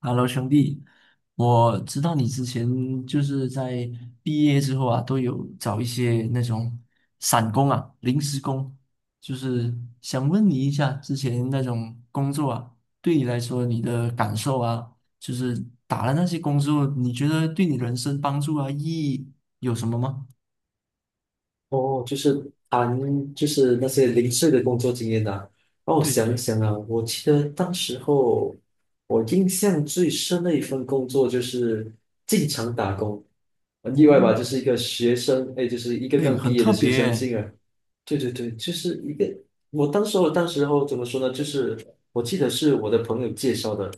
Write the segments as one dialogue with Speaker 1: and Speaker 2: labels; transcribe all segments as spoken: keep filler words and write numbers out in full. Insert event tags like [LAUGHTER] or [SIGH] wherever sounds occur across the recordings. Speaker 1: Hello，兄弟，我知道你之前就是在毕业之后啊，都有找一些那种散工啊、临时工，就是想问你一下，之前那种工作啊，对你来说你的感受啊，就是打了那些工作，你觉得对你人生帮助啊、意义有什么吗？
Speaker 2: 哦，就是谈就是那些零碎的工作经验呐、让我
Speaker 1: 对对
Speaker 2: 想
Speaker 1: 对，
Speaker 2: 想啊，我记得当时候我印象最深的一份工作就是进厂打工，很意外吧？
Speaker 1: 嗯，
Speaker 2: 就是一个学生，哎，就是一个
Speaker 1: 对，
Speaker 2: 刚
Speaker 1: 很
Speaker 2: 毕业
Speaker 1: 特
Speaker 2: 的学生
Speaker 1: 别，
Speaker 2: 进来，对对对，就是一个我当时候当时候怎么说呢？就是我记得是我的朋友介绍的，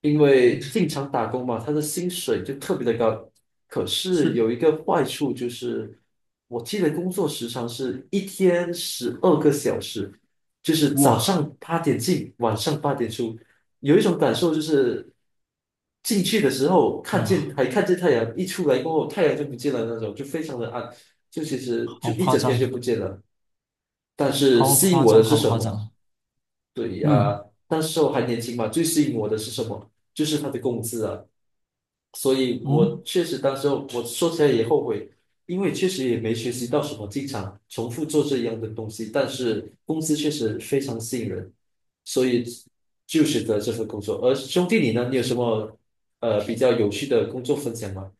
Speaker 2: 因为
Speaker 1: 嗯，
Speaker 2: 进厂打工嘛，他的薪水就特别的高。可是
Speaker 1: 是，
Speaker 2: 有一个坏处就是，我记得工作时长是一天十二个小时，就是早
Speaker 1: 哇
Speaker 2: 上八点进，晚上八点出。有一种感受就是，进去的时候看见
Speaker 1: 哇，
Speaker 2: 还看见太阳，一出来过后太阳就不见了那种，就非常的暗，就其实
Speaker 1: 好
Speaker 2: 就一
Speaker 1: 夸
Speaker 2: 整天
Speaker 1: 张，
Speaker 2: 就不见了。但是
Speaker 1: 好
Speaker 2: 吸引
Speaker 1: 夸
Speaker 2: 我
Speaker 1: 张，
Speaker 2: 的是
Speaker 1: 好
Speaker 2: 什
Speaker 1: 夸
Speaker 2: 么？
Speaker 1: 张，
Speaker 2: 对
Speaker 1: 嗯。
Speaker 2: 呀、那时候还年轻嘛，最吸引我的是什么？就是他的工资啊。所以
Speaker 1: 哦，
Speaker 2: 我确实当时候我说起来也后悔，因为确实也没学习到什么，经常重复做这样的东西，但是工资确实非常吸引人，所以就选择这份工作。而兄弟你呢？你有什么呃比较有趣的工作分享吗？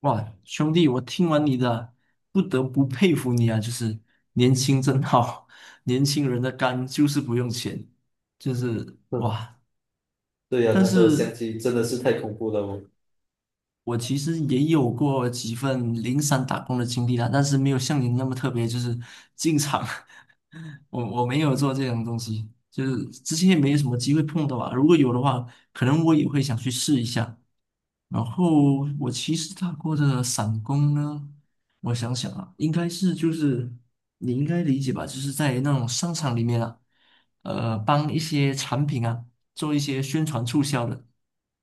Speaker 1: 哇，兄弟，我听完你的，不得不佩服你啊！就是年轻真好，[LAUGHS] 年轻人的肝就是不用钱，就是
Speaker 2: 嗯，
Speaker 1: 哇！
Speaker 2: 对呀、
Speaker 1: 但
Speaker 2: 那时候相
Speaker 1: 是
Speaker 2: 亲真的是太恐怖了哦。
Speaker 1: 我其实也有过几份零散打工的经历啦，但是没有像您那么特别，就是进厂，[LAUGHS] 我我没有做这种东西，就是之前也没有什么机会碰到啊。如果有的话，可能我也会想去试一下。然后我其实打过的散工呢，我想想啊，应该是就是你应该理解吧，就是在那种商场里面啊，呃，帮一些产品啊。做一些宣传促销的，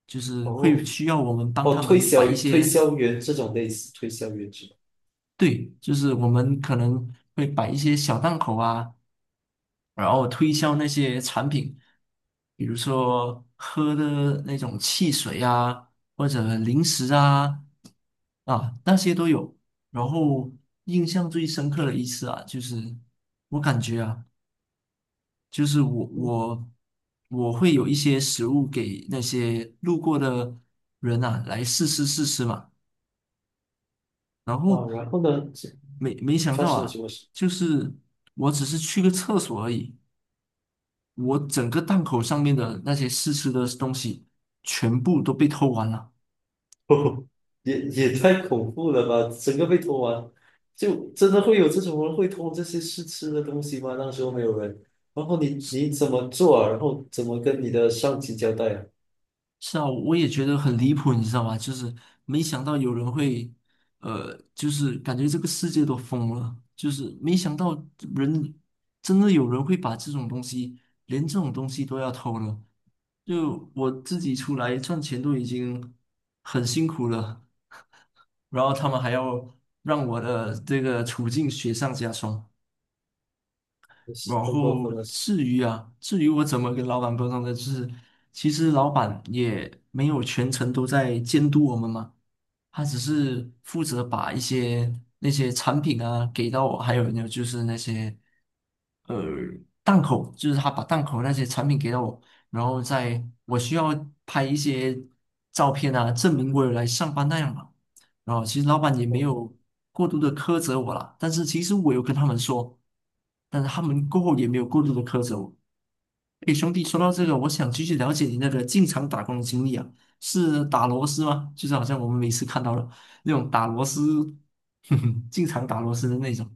Speaker 1: 就是会
Speaker 2: 哦，
Speaker 1: 需要我们帮
Speaker 2: 哦，
Speaker 1: 他
Speaker 2: 推
Speaker 1: 们摆
Speaker 2: 销
Speaker 1: 一
Speaker 2: 推
Speaker 1: 些，
Speaker 2: 销员这种类似推销员是吧？
Speaker 1: 对，就是我们可能会摆一些小档口啊，然后推销那些产品，比如说喝的那种汽水啊，或者零食啊，啊，那些都有。然后印象最深刻的一次啊，就是我感觉啊。就是我我我会有一些食物给那些路过的人啊来试吃试吃嘛，然后
Speaker 2: 啊，然后呢，这
Speaker 1: 没没想
Speaker 2: 发
Speaker 1: 到
Speaker 2: 生了什
Speaker 1: 啊，
Speaker 2: 么事？
Speaker 1: 就是我只是去个厕所而已，我整个档口上面的那些试吃的东西全部都被偷完了。
Speaker 2: [LAUGHS] 哦，也也太恐怖了吧！整个被偷完，就真的会有这种人会偷这些试吃的东西吗？那时候没有人，然后你你怎么做啊？然后怎么跟你的上级交代啊？
Speaker 1: 是啊，我也觉得很离谱，你知道吗？就是没想到有人会，呃，就是感觉这个世界都疯了，就是没想到人真的有人会把这种东西，连这种东西都要偷了。就我自己出来赚钱都已经很辛苦了，然后他们还要让我的这个处境雪上加霜。
Speaker 2: 真是
Speaker 1: 然
Speaker 2: 太过
Speaker 1: 后
Speaker 2: 分了！
Speaker 1: 至于啊，至于我怎么跟老板沟通的，就是其实老板也没有全程都在监督我们嘛，他只是负责把一些那些产品啊给到我，还有呢就是那些呃档口，就是他把档口那些产品给到我，然后在我需要拍一些照片啊，证明我有来上班那样嘛。然后其实老板也没
Speaker 2: 嗯，
Speaker 1: 有过度的苛责我啦，但是其实我有跟他们说，但是他们过后也没有过度的苛责我。诶，兄弟，说到这个，我想继续了解你那个进厂打工的经历啊。是打螺丝吗？就是好像我们每次看到了那种打螺丝，[LAUGHS] 哼哼，经常打螺丝的那种。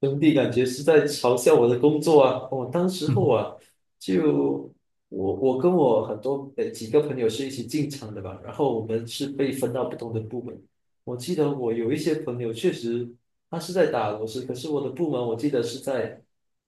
Speaker 2: 兄弟感觉是在嘲笑我的工作啊！我、当时候
Speaker 1: 嗯，
Speaker 2: 啊，就我我跟我很多呃几个朋友是一起进厂的吧，然后我们是被分到不同的部门。我记得我有一些朋友确实他是在打螺丝，可是我的部门我记得是在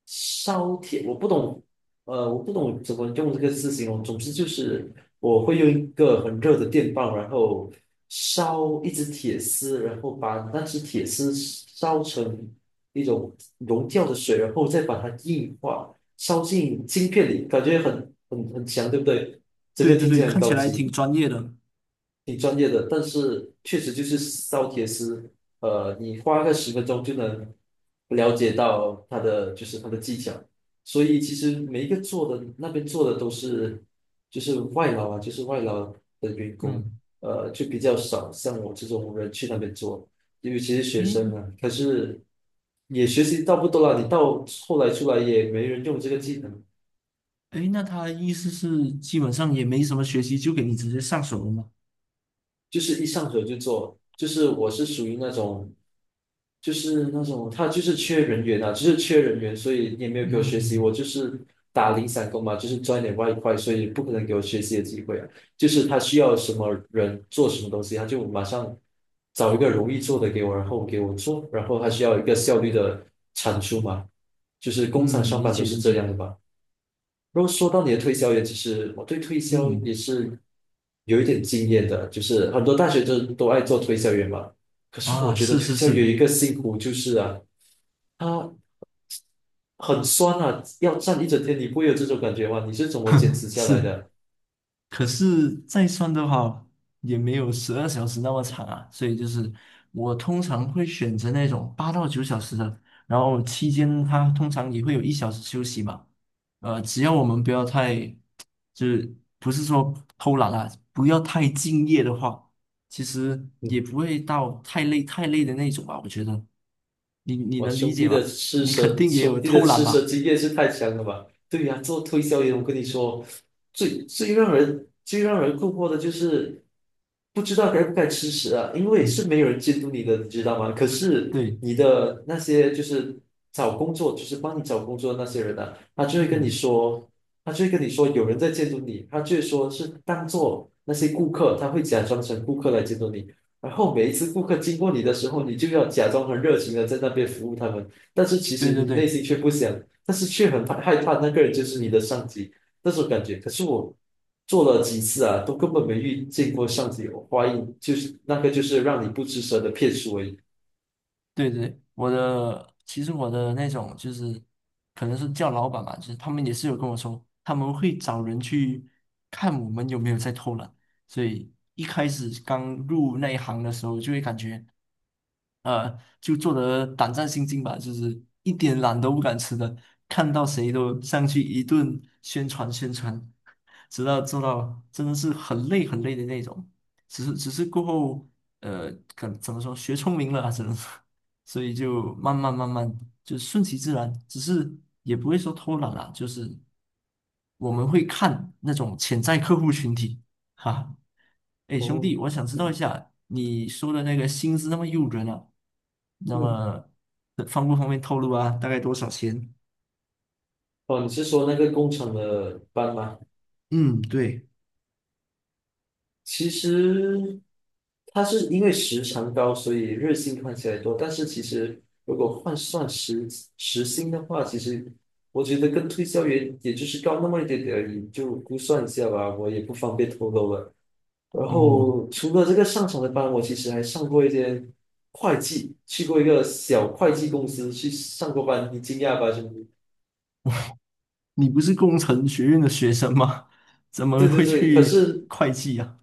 Speaker 2: 烧铁，我不懂，呃，我不懂怎么用这个字形容。总之就是我会用一个很热的电棒，然后烧一只铁丝，然后把那只铁丝烧成，一种溶掉的水，然后再把它硬化，烧进晶片里，感觉很很很强，对不对？整个
Speaker 1: 对对
Speaker 2: 听
Speaker 1: 对，
Speaker 2: 起来很
Speaker 1: 看起
Speaker 2: 高
Speaker 1: 来
Speaker 2: 级。
Speaker 1: 挺专业的。
Speaker 2: 挺专业的，但是确实就是烧铁丝，呃，你花个十分钟就能了解到它的就是它的技巧，所以其实每一个做的那边做的都是就是外劳啊，就是外劳的员工，
Speaker 1: 嗯，
Speaker 2: 呃，就比较少像我这种人去那边做，因为其实学生
Speaker 1: 诶
Speaker 2: 啊，可是也学习到不多了，你到后来出来也没人用这个技能，
Speaker 1: 诶，那他的意思是基本上也没什么学习，就给你直接上手了吗？
Speaker 2: 就是一上手就做，就是我是属于那种，就是那种他就是缺人员啊，就是缺人员，所以也没有给我学习，我
Speaker 1: 嗯
Speaker 2: 就是打零散工嘛，就是赚一点外快，所以不可能给我学习的机会啊。就是他需要什么人做什么东西，他就马上找一个容易做的给我，然后给我做，然后他需要一个效率的产出嘛，就是工厂
Speaker 1: 嗯，
Speaker 2: 上
Speaker 1: 理
Speaker 2: 班都
Speaker 1: 解
Speaker 2: 是
Speaker 1: 理
Speaker 2: 这
Speaker 1: 解。
Speaker 2: 样的吧。如果说到你的推销员，其实我对推销
Speaker 1: 嗯
Speaker 2: 也是有一点经验的，就是很多大学生都爱做推销员嘛。可是我
Speaker 1: 啊，
Speaker 2: 觉得
Speaker 1: 是
Speaker 2: 推
Speaker 1: 是
Speaker 2: 销员
Speaker 1: 是
Speaker 2: 一个辛苦就是啊，他很酸啊，要站一整天，你不会有这种感觉吗？你是怎么坚持下来
Speaker 1: 是，
Speaker 2: 的？
Speaker 1: 可是再算的话，也没有十二小时那么长啊，所以就是我通常会选择那种八到九小时的，然后期间它通常也会有一小时休息嘛，呃，只要我们不要太，就是不是说偷懒啊，不要太敬业的话，其实也不会到太累太累的那种吧，我觉得，你你
Speaker 2: 哇，
Speaker 1: 能理
Speaker 2: 兄
Speaker 1: 解
Speaker 2: 弟的
Speaker 1: 吧？
Speaker 2: 吃
Speaker 1: 你肯
Speaker 2: 蛇，
Speaker 1: 定也有
Speaker 2: 兄弟的
Speaker 1: 偷懒
Speaker 2: 吃蛇
Speaker 1: 吧？
Speaker 2: 经验是太强了吧？对呀、做推销员，我跟你说，最最让人最让人困惑的就是不知道该不该吃蛇啊，因
Speaker 1: [LAUGHS]
Speaker 2: 为是
Speaker 1: 嗯
Speaker 2: 没有人监督你的，你知道吗？可是
Speaker 1: 对，
Speaker 2: 你的那些就是找工作，就是帮你找工作的那些人啊，他就会跟你
Speaker 1: 嗯，
Speaker 2: 说，他就会跟你说有人在监督你，他就会说是当做那些顾客，他会假装成顾客来监督你。然后每一次顾客经过你的时候，你就要假装很热情的在那边服务他们，但是其
Speaker 1: 对
Speaker 2: 实
Speaker 1: 对
Speaker 2: 你内
Speaker 1: 对。
Speaker 2: 心却不想，但是却很怕害怕那个人就是你的上级那种感觉。可是我做了几次啊，都根本没遇见过上级，我怀疑就是那个就是让你不吱声的骗术而已。
Speaker 1: 对对，我的其实我的那种就是可能是叫老板吧，就是他们也是有跟我说，他们会找人去看我们有没有在偷懒，所以一开始刚入那一行的时候，就会感觉呃，就做得胆战心惊吧，就是一点懒都不敢吃的，看到谁都上去一顿宣传宣传，直到做到真的是很累很累的那种。只是只是过后，呃，可怎么说，学聪明了啊，只能说，所以就慢慢慢慢就顺其自然，只是也不会说偷懒啦，就是我们会看那种潜在客户群体，哈。哎，兄
Speaker 2: 哦，
Speaker 1: 弟，我想知道一
Speaker 2: 嗯
Speaker 1: 下你说的那个薪资那么诱人啊，那
Speaker 2: 嗯，
Speaker 1: 么呃方不方便透露啊？大概多少钱？
Speaker 2: 哦，你是说那个工厂的班吗？
Speaker 1: 嗯，对，
Speaker 2: 其实他是因为时长高，所以日薪看起来多，但是其实如果换算时时薪的话，其实我觉得跟推销员也就是高那么一点点而已，就估算一下吧，我也不方便透露了。然
Speaker 1: 哦，
Speaker 2: 后除了这个上场的班，我其实还上过一间会计，去过一个小会计公司去上过班，你惊讶吧，兄弟？
Speaker 1: 你不是工程学院的学生吗？[LAUGHS] 怎么
Speaker 2: 对对
Speaker 1: 会
Speaker 2: 对，可
Speaker 1: 去
Speaker 2: 是
Speaker 1: 会计啊？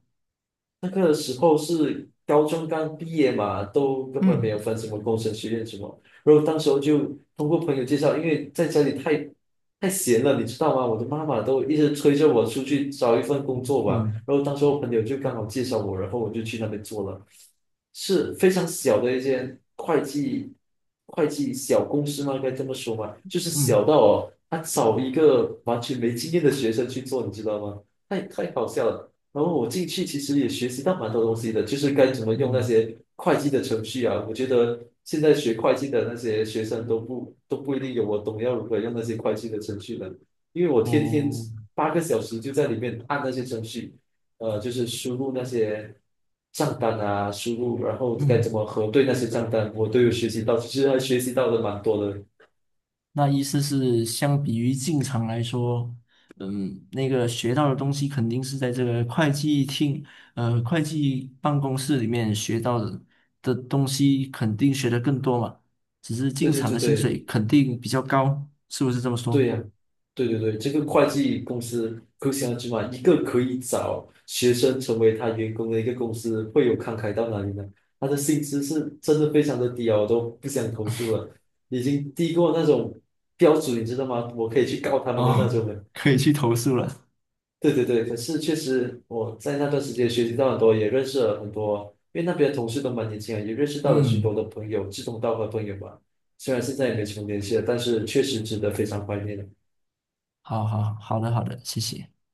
Speaker 2: 那个时候是高中刚毕业嘛，都根本没
Speaker 1: 嗯
Speaker 2: 有分什么工程学院什么。然后当时候就通过朋友介绍，因为在家里太太闲了，你知道吗？我的妈妈都一直催着我出去找一份工作吧。
Speaker 1: 嗯
Speaker 2: 然后当时候朋友就刚好介绍我，然后我就去那边做了，是非常小的一间会计会计小公司吗？该这么说吗？就是小
Speaker 1: 嗯
Speaker 2: 到哦，他找一个完全没经验的学生去做，你知道吗？太太好笑了。然后我进去其实也学习到蛮多东西的，就是该怎么用那
Speaker 1: 嗯，
Speaker 2: 些会计的程序啊。我觉得现在学会计的那些学生都不都不一定有我懂要如何用那些会计的程序的，因为我天天
Speaker 1: 哦，
Speaker 2: 八个小时就在里面按那些程序，呃，就是输入那些账单啊，输入然后该怎
Speaker 1: 嗯。
Speaker 2: 么核对那些账单，我都有学习到，其实还学习到的蛮多的。
Speaker 1: 那意思是，相比于进厂来说，嗯，那个学到的东西肯定是在这个会计厅，呃，会计办公室里面学到的的东西，肯定学的更多嘛。只是进
Speaker 2: 对对
Speaker 1: 厂的
Speaker 2: 对
Speaker 1: 薪
Speaker 2: 对，
Speaker 1: 水肯定比较高，是不是这么
Speaker 2: 对
Speaker 1: 说？
Speaker 2: 呀，对对对，这个会计公司可想而知嘛，一个可以找学生成为他员工的一个公司，会有慷慨到哪里呢？他的薪资是真的非常的低啊，我都不想投诉了，已经低过那种标准，你知道吗？我可以去告他们的那
Speaker 1: 哦，
Speaker 2: 种了。
Speaker 1: [LAUGHS] 可以去投诉了。
Speaker 2: 对对对，可是确实我在那段时间学习到很多，也认识了很多，因为那边的同事都蛮年轻啊，也认识到了许多
Speaker 1: 嗯，
Speaker 2: 的朋友，志同道合的朋友吧。虽然现在也没什么联系了，但是确实值得非常怀念的。
Speaker 1: 好好好的好的，谢谢。